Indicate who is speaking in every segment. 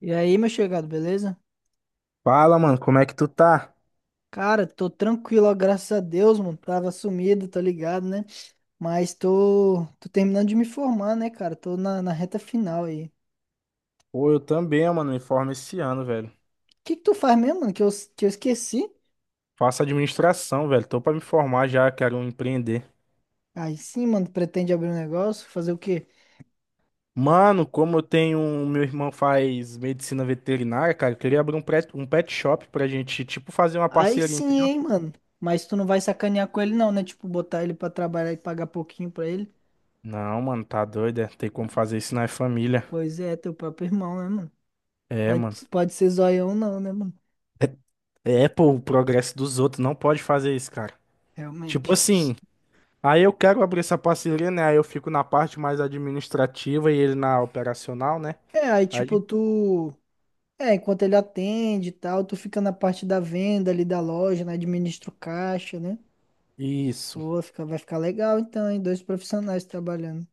Speaker 1: E aí, meu chegado, beleza?
Speaker 2: Fala, mano, como é que tu tá?
Speaker 1: Cara, tô tranquilo, ó, graças a Deus, mano. Tava sumido, tá ligado, né? Mas tô terminando de me formar, né, cara? Tô na reta final aí. O
Speaker 2: Pô, eu também, mano, me formo esse ano, velho.
Speaker 1: que que tu faz mesmo, mano? Que eu esqueci?
Speaker 2: Faço administração, velho. Tô pra me formar já, quero empreender.
Speaker 1: Aí sim, mano, pretende abrir um negócio? Fazer o quê?
Speaker 2: Mano, como eu tenho. Meu irmão faz medicina veterinária, cara, eu queria abrir um pet shop pra gente, tipo, fazer uma
Speaker 1: Aí
Speaker 2: parceria,
Speaker 1: sim,
Speaker 2: entendeu?
Speaker 1: hein, mano. Mas tu não vai sacanear com ele, não, né? Tipo, botar ele pra trabalhar e pagar pouquinho pra ele?
Speaker 2: Não, mano, tá doido, é. Tem como fazer isso na família.
Speaker 1: Pois é, teu próprio irmão, né, mano?
Speaker 2: É, mano.
Speaker 1: Pode ser zoião, não, né, mano?
Speaker 2: É, é, pô, o progresso dos outros, não pode fazer isso, cara. Tipo
Speaker 1: Realmente.
Speaker 2: assim, aí eu quero abrir essa parceria, né? Aí eu fico na parte mais administrativa e ele na operacional, né?
Speaker 1: É, aí, tipo, tu. É, enquanto ele atende e tal, tu fica na parte da venda ali da loja, né? Administra o caixa, né?
Speaker 2: Isso.
Speaker 1: Pô, fica, vai ficar legal então, hein? Dois profissionais trabalhando.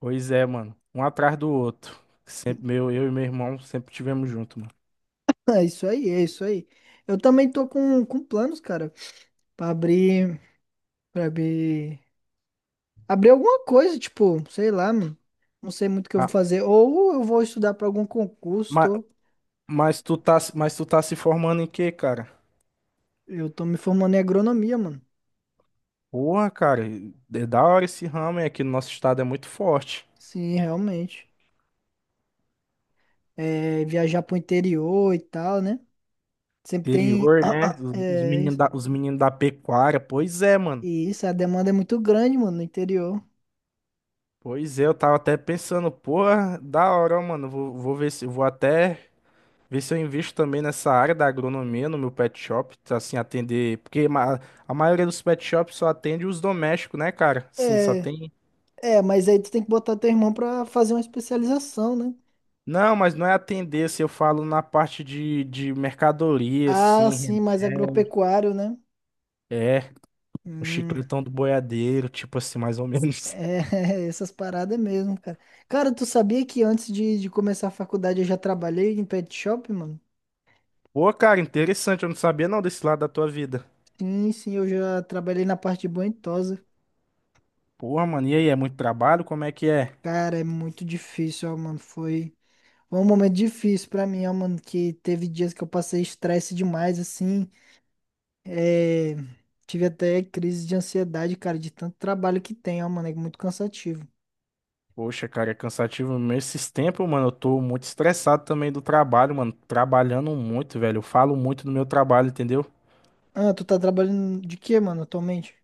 Speaker 2: Pois é, mano. Um atrás do outro. Sempre meu, eu e meu irmão sempre tivemos junto, mano.
Speaker 1: É isso aí, é isso aí. Eu também tô com planos, cara, pra abrir, pra abrir alguma coisa, tipo, sei lá, mano. Não sei muito o que eu vou
Speaker 2: Ah,
Speaker 1: fazer. Ou eu vou estudar pra algum concurso,
Speaker 2: mas, mas tu tá se formando em quê, cara?
Speaker 1: eu tô me formando em agronomia, mano.
Speaker 2: Porra, cara, é da hora esse ramo, é que no nosso estado é muito forte.
Speaker 1: Sim, realmente. É, viajar pro interior e tal, né? Sempre tem,
Speaker 2: Interior, né?
Speaker 1: é,
Speaker 2: Os menino da pecuária. Pois é, mano.
Speaker 1: e isso, a demanda é muito grande, mano, no interior.
Speaker 2: Pois é, eu tava até pensando, porra, da hora, ó, mano. Vou ver se vou até ver se eu invisto também nessa área da agronomia no meu pet shop, tá, assim, atender. A maioria dos pet shops só atende os domésticos, né, cara? Sim, só
Speaker 1: É,
Speaker 2: tem.
Speaker 1: é, mas aí tu tem que botar teu irmão pra fazer uma especialização, né?
Speaker 2: Não, mas não é atender, se eu falo na parte de mercadoria,
Speaker 1: Ah, sim,
Speaker 2: assim.
Speaker 1: mais agropecuário, né?
Speaker 2: É, o
Speaker 1: Hum,
Speaker 2: chicletão do boiadeiro, tipo assim, mais ou menos.
Speaker 1: é, essas paradas mesmo, cara. Cara, tu sabia que antes de começar a faculdade eu já trabalhei em pet shop, mano?
Speaker 2: Pô, cara, interessante, eu não sabia não desse lado da tua vida.
Speaker 1: Sim, sim, eu já trabalhei na parte de banho-tosa.
Speaker 2: Porra, mano, e aí, é muito trabalho? Como é que é?
Speaker 1: Cara, é muito difícil, ó, mano. Foi um momento difícil pra mim, ó, mano, que teve dias que eu passei estresse demais, assim. É, tive até crise de ansiedade, cara, de tanto trabalho que tem, ó, mano, é muito cansativo.
Speaker 2: Poxa, cara, é cansativo mesmo. Esses tempos, mano, eu tô muito estressado também do trabalho, mano. Trabalhando muito, velho. Eu falo muito do meu trabalho, entendeu?
Speaker 1: Ah, tu tá trabalhando de quê, mano, atualmente?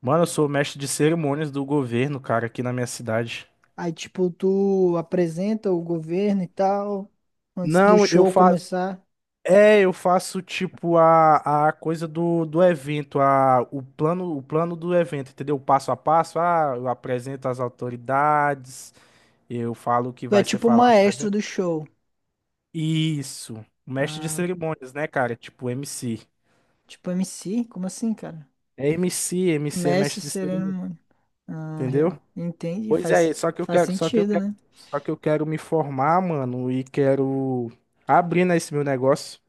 Speaker 2: Mano, eu sou mestre de cerimônias do governo, cara, aqui na minha cidade.
Speaker 1: Aí, tipo, tu apresenta o governo e tal, antes do
Speaker 2: Não, eu
Speaker 1: show
Speaker 2: faço.
Speaker 1: começar.
Speaker 2: É, eu faço tipo a coisa do evento, o plano do evento, entendeu? O passo a passo. Ah, eu apresento as autoridades, eu falo o que
Speaker 1: Tu é
Speaker 2: vai ser
Speaker 1: tipo o
Speaker 2: falado no
Speaker 1: maestro
Speaker 2: evento.
Speaker 1: do show.
Speaker 2: Isso. Mestre de
Speaker 1: Ah,
Speaker 2: cerimônias, né, cara? Tipo MC.
Speaker 1: tipo MC? Como assim, cara?
Speaker 2: É MC, MC é
Speaker 1: Mestre
Speaker 2: mestre de
Speaker 1: Sereno,
Speaker 2: cerimônia,
Speaker 1: mano. Ah,
Speaker 2: entendeu?
Speaker 1: real. Entende?
Speaker 2: Pois é,
Speaker 1: Faz, faz sentido, né?
Speaker 2: só que eu quero me formar, mano, e quero abrir nesse meu negócio.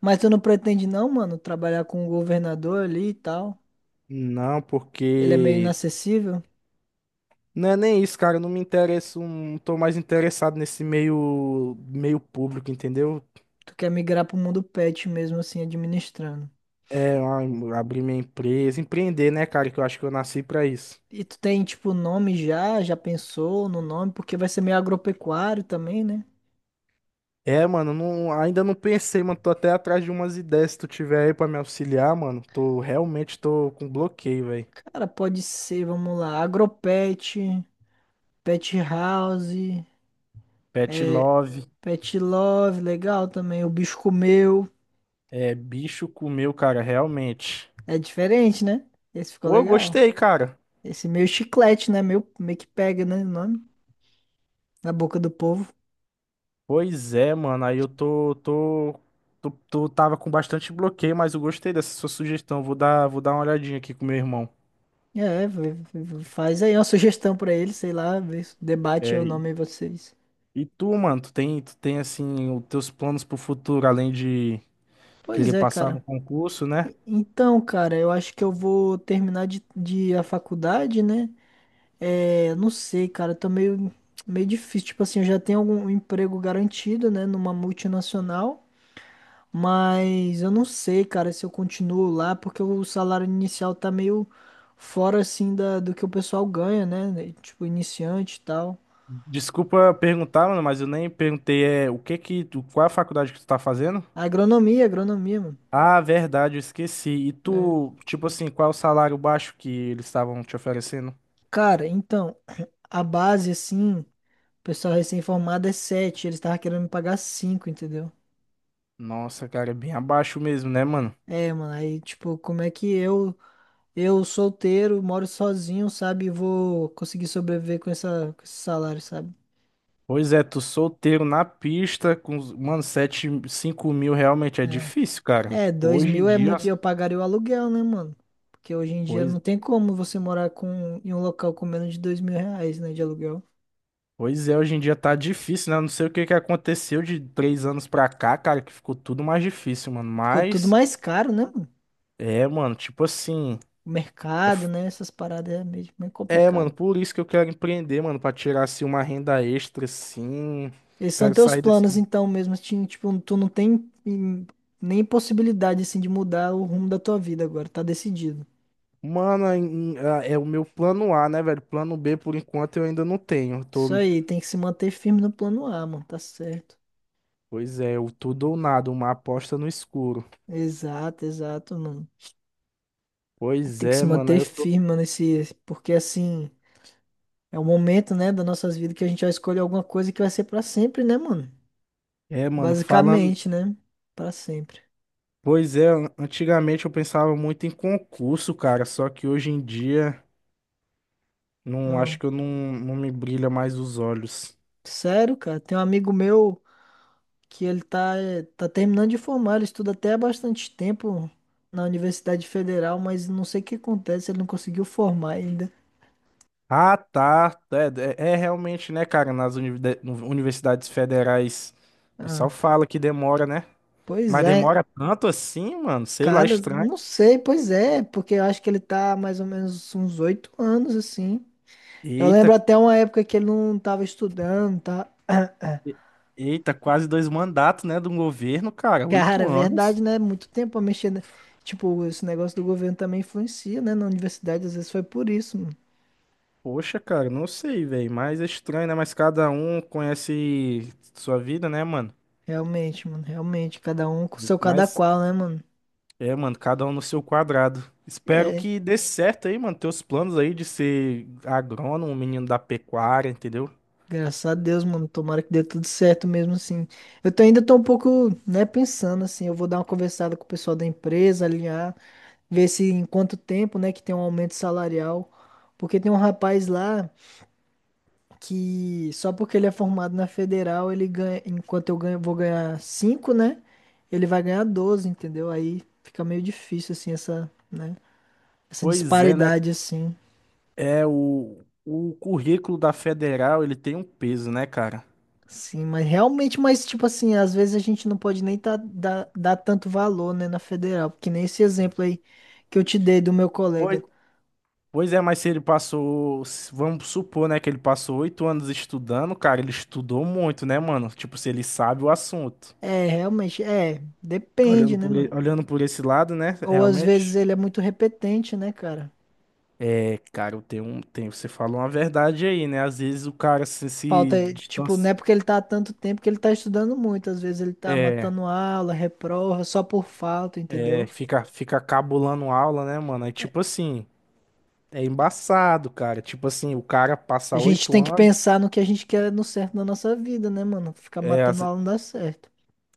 Speaker 1: Mas tu não pretende, não, mano, trabalhar com o governador ali e tal?
Speaker 2: Não,
Speaker 1: Ele é meio
Speaker 2: porque
Speaker 1: inacessível?
Speaker 2: não é nem isso, cara, eu não me interesso, não tô mais interessado nesse meio público, entendeu?
Speaker 1: Tu quer migrar pro mundo pet mesmo, assim, administrando.
Speaker 2: É, abrir minha empresa, empreender, né, cara, que eu acho que eu nasci pra isso.
Speaker 1: E tu tem, tipo, nome já? Já pensou no nome? Porque vai ser meio agropecuário também, né?
Speaker 2: É, mano, não, ainda não pensei, mano. Tô até atrás de umas ideias. Se tu tiver aí pra me auxiliar, mano, tô com bloqueio, velho.
Speaker 1: Cara, pode ser, vamos lá. Agropet, Pet House,
Speaker 2: Pet Love,
Speaker 1: Pet Love, legal também. O bicho comeu.
Speaker 2: é bicho comeu, cara, realmente.
Speaker 1: É diferente, né? Esse ficou
Speaker 2: Pô, eu
Speaker 1: legal.
Speaker 2: gostei, cara.
Speaker 1: Esse meio chiclete, né? Meio que pega, né? O nome. Na boca do povo.
Speaker 2: Pois é, mano, aí eu tô, tô, tô, tô- tava com bastante bloqueio, mas eu gostei dessa sua sugestão. Vou dar uma olhadinha aqui com meu irmão.
Speaker 1: É, faz aí uma sugestão pra ele, sei lá, vê se debate aí o
Speaker 2: É, e
Speaker 1: nome aí vocês.
Speaker 2: e tu, mano, tu tem assim, os teus planos pro futuro, além de
Speaker 1: Pois
Speaker 2: querer
Speaker 1: é,
Speaker 2: passar no
Speaker 1: cara.
Speaker 2: concurso, né?
Speaker 1: Então, cara, eu acho que eu vou terminar de a faculdade, né? É, não sei, cara, tá meio difícil. Tipo assim, eu já tenho algum emprego garantido, né, numa multinacional, mas eu não sei, cara, se eu continuo lá, porque o salário inicial tá meio fora, assim, da, do que o pessoal ganha, né? Tipo, iniciante e tal.
Speaker 2: Desculpa perguntar, mano, mas eu nem perguntei, é, o que que, tu- qual é a faculdade que tu tá fazendo?
Speaker 1: Agronomia, agronomia, mano.
Speaker 2: Ah, verdade, eu esqueci. E
Speaker 1: É.
Speaker 2: tu, tipo assim, qual é o salário baixo que eles estavam te oferecendo?
Speaker 1: Cara, então, a base, assim, o pessoal recém-formado é sete, eles estavam querendo me pagar cinco, entendeu?
Speaker 2: Nossa, cara, é bem abaixo mesmo, né, mano?
Speaker 1: É, mano, aí, tipo, como é que eu solteiro, moro sozinho, sabe, e vou conseguir sobreviver com essa, com esse salário, sabe?
Speaker 2: Pois é, tu solteiro na pista mano, 7 5 mil realmente é
Speaker 1: É.
Speaker 2: difícil, cara.
Speaker 1: É, dois
Speaker 2: Hoje em
Speaker 1: mil é
Speaker 2: dia,
Speaker 1: muito,
Speaker 2: as-
Speaker 1: eu pagaria o aluguel, né, mano? Porque hoje em dia
Speaker 2: pois,
Speaker 1: não tem como você morar com, em um local com menos de R$ 2.000, né, de aluguel.
Speaker 2: pois é, hoje em dia tá difícil, né? Eu não sei o que que aconteceu de três anos pra cá, cara, que ficou tudo mais difícil, mano.
Speaker 1: Ficou tudo
Speaker 2: Mas,
Speaker 1: mais caro, né, mano?
Speaker 2: é, mano, tipo assim.
Speaker 1: O
Speaker 2: É,
Speaker 1: mercado, né, essas paradas é meio
Speaker 2: É, mano,
Speaker 1: complicado.
Speaker 2: por isso que eu quero empreender, mano, pra tirar assim uma renda extra, assim.
Speaker 1: Esses são
Speaker 2: Quero
Speaker 1: teus
Speaker 2: sair desse.
Speaker 1: planos, então, mesmo, assim, tipo, tu não tem nem possibilidade, assim, de mudar o rumo da tua vida agora, tá decidido.
Speaker 2: Mano, é o meu plano A, né, velho? Plano B, por enquanto, eu ainda não tenho. Eu
Speaker 1: Isso
Speaker 2: tô...
Speaker 1: aí, tem que se manter firme no plano A, mano, tá certo.
Speaker 2: Pois é, o tudo ou nada, uma aposta no escuro.
Speaker 1: Exato, exato, mano.
Speaker 2: Pois
Speaker 1: Tem que se
Speaker 2: é, mano, aí
Speaker 1: manter
Speaker 2: eu tô.
Speaker 1: firme, mano, esse, porque assim, é o momento, né, das nossas vidas que a gente vai escolher alguma coisa que vai ser pra sempre, né, mano?
Speaker 2: É, mano, falando.
Speaker 1: Basicamente, né? Pra sempre.
Speaker 2: Pois é, antigamente eu pensava muito em concurso, cara, só que hoje em dia, não acho
Speaker 1: Não.
Speaker 2: que eu não, não me brilha mais os olhos.
Speaker 1: Sério, cara, tem um amigo meu que ele tá terminando de formar, ele estuda até há bastante tempo na Universidade Federal, mas não sei o que acontece, ele não conseguiu formar ainda.
Speaker 2: Ah, tá. É realmente, né, cara? Nas universidades federais, o
Speaker 1: Ah,
Speaker 2: pessoal fala que demora, né?
Speaker 1: pois
Speaker 2: Mas
Speaker 1: é.
Speaker 2: demora tanto assim, mano? Sei lá,
Speaker 1: Cara,
Speaker 2: estranho.
Speaker 1: não sei, pois é, porque eu acho que ele tá mais ou menos uns 8 anos, assim. Eu
Speaker 2: Eita,
Speaker 1: lembro até uma época que ele não tava estudando, tá?
Speaker 2: e- eita, quase dois mandatos, né, de um governo, cara.
Speaker 1: Cara,
Speaker 2: Oito
Speaker 1: é verdade,
Speaker 2: anos.
Speaker 1: né? Muito tempo a mexer, né? Tipo, esse negócio do governo também influencia, né? Na universidade, às vezes foi por isso, mano.
Speaker 2: Poxa, cara, não sei, velho. Mas é estranho, né? Mas cada um conhece sua vida, né, mano?
Speaker 1: Realmente, mano, realmente. Cada um com seu cada
Speaker 2: Mas
Speaker 1: qual, né, mano?
Speaker 2: é, mano, cada um no seu quadrado. Espero
Speaker 1: É,
Speaker 2: que dê certo aí, mano. Teus planos aí de ser agrônomo, menino da pecuária, entendeu?
Speaker 1: graças a Deus, mano. Tomara que dê tudo certo mesmo, assim. Eu tô, ainda tô um pouco, né, pensando, assim. Eu vou dar uma conversada com o pessoal da empresa, alinhar. Ver se em quanto tempo, né, que tem um aumento salarial. Porque tem um rapaz lá que só porque ele é formado na federal, ele ganha, enquanto eu ganho, vou ganhar cinco, né? Ele vai ganhar 12, entendeu? Aí fica meio difícil assim essa, né, essa
Speaker 2: Pois é, né?
Speaker 1: disparidade assim.
Speaker 2: É o currículo da Federal, ele tem um peso, né, cara?
Speaker 1: Sim, mas realmente, mas tipo assim, às vezes a gente não pode nem tá, dar tanto valor, né, na federal, porque nem esse exemplo aí que eu te dei do meu
Speaker 2: Pois,
Speaker 1: colega.
Speaker 2: pois é, mas se ele passou, se- vamos supor, né, que ele passou oito anos estudando, cara, ele estudou muito, né, mano? Tipo, se ele sabe o assunto.
Speaker 1: É, realmente, é, depende, né, mano?
Speaker 2: Olhando por esse lado, né,
Speaker 1: Ou às vezes
Speaker 2: realmente.
Speaker 1: ele é muito repetente, né, cara?
Speaker 2: É, cara, eu tenho um, tem, você falou uma verdade aí, né? Às vezes o cara
Speaker 1: Falta,
Speaker 2: se
Speaker 1: eh, tipo, não
Speaker 2: distancia,
Speaker 1: é porque ele tá há tanto tempo que ele tá estudando muito. Às vezes ele tá matando aula, reprova, só por falta,
Speaker 2: é,
Speaker 1: entendeu?
Speaker 2: fica cabulando aula, né, mano? É tipo assim, é embaçado, cara. Tipo assim, o cara passa
Speaker 1: A gente
Speaker 2: oito
Speaker 1: tem que
Speaker 2: anos.
Speaker 1: pensar no que a gente quer no certo na nossa vida, né, mano? Ficar
Speaker 2: É,
Speaker 1: matando
Speaker 2: as-
Speaker 1: aula não dá certo.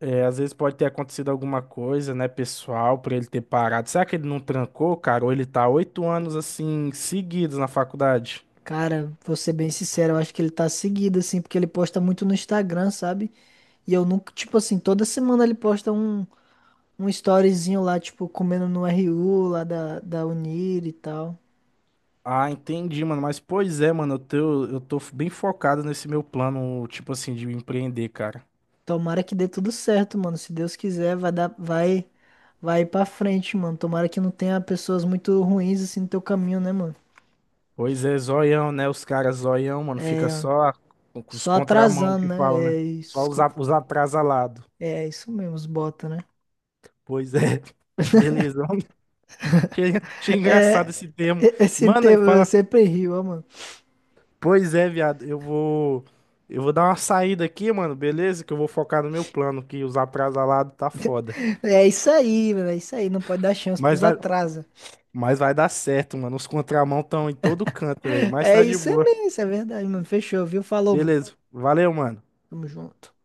Speaker 2: É, às vezes pode ter acontecido alguma coisa, né, pessoal, pra ele ter parado. Será que ele não trancou, cara? Ou ele tá oito anos, assim, seguidos na faculdade?
Speaker 1: Cara, vou ser bem sincero, eu acho que ele tá seguido, assim, porque ele posta muito no Instagram, sabe? E eu nunca, tipo assim, toda semana ele posta um storyzinho lá, tipo, comendo no RU lá da Unir e tal.
Speaker 2: Ah, entendi, mano. Mas, pois é, mano, eu tô bem focado nesse meu plano, tipo assim, de empreender, cara.
Speaker 1: Tomara que dê tudo certo, mano. Se Deus quiser, vai dar, vai pra frente, mano. Tomara que não tenha pessoas muito ruins assim no teu caminho, né, mano?
Speaker 2: Pois é, zoião, né? Os caras zoião, mano,
Speaker 1: É,
Speaker 2: com os
Speaker 1: só
Speaker 2: contramão
Speaker 1: atrasando,
Speaker 2: que
Speaker 1: né?
Speaker 2: falam, né? Os atrasalados.
Speaker 1: É isso mesmo, os bota, né?
Speaker 2: Pois é. Beleza. Achei achei engraçado
Speaker 1: É,
Speaker 2: esse termo.
Speaker 1: esse
Speaker 2: Mano, e
Speaker 1: tema eu
Speaker 2: fala
Speaker 1: sempre rio, ó, mano.
Speaker 2: Pois é, viado, eu vou dar uma saída aqui, mano, beleza? Que eu vou focar no meu plano, que os atrasalados tá foda.
Speaker 1: É isso aí, mano. É isso aí. Não pode dar chance
Speaker 2: Mas
Speaker 1: pros
Speaker 2: vai,
Speaker 1: atrasos.
Speaker 2: mas vai dar certo, mano. Os contramão estão em todo canto, velho. Mas
Speaker 1: É
Speaker 2: tá de
Speaker 1: isso
Speaker 2: boa.
Speaker 1: mesmo, isso é verdade, mano. Fechou, viu? Falou, mano.
Speaker 2: Beleza. Valeu, mano.
Speaker 1: Tamo junto.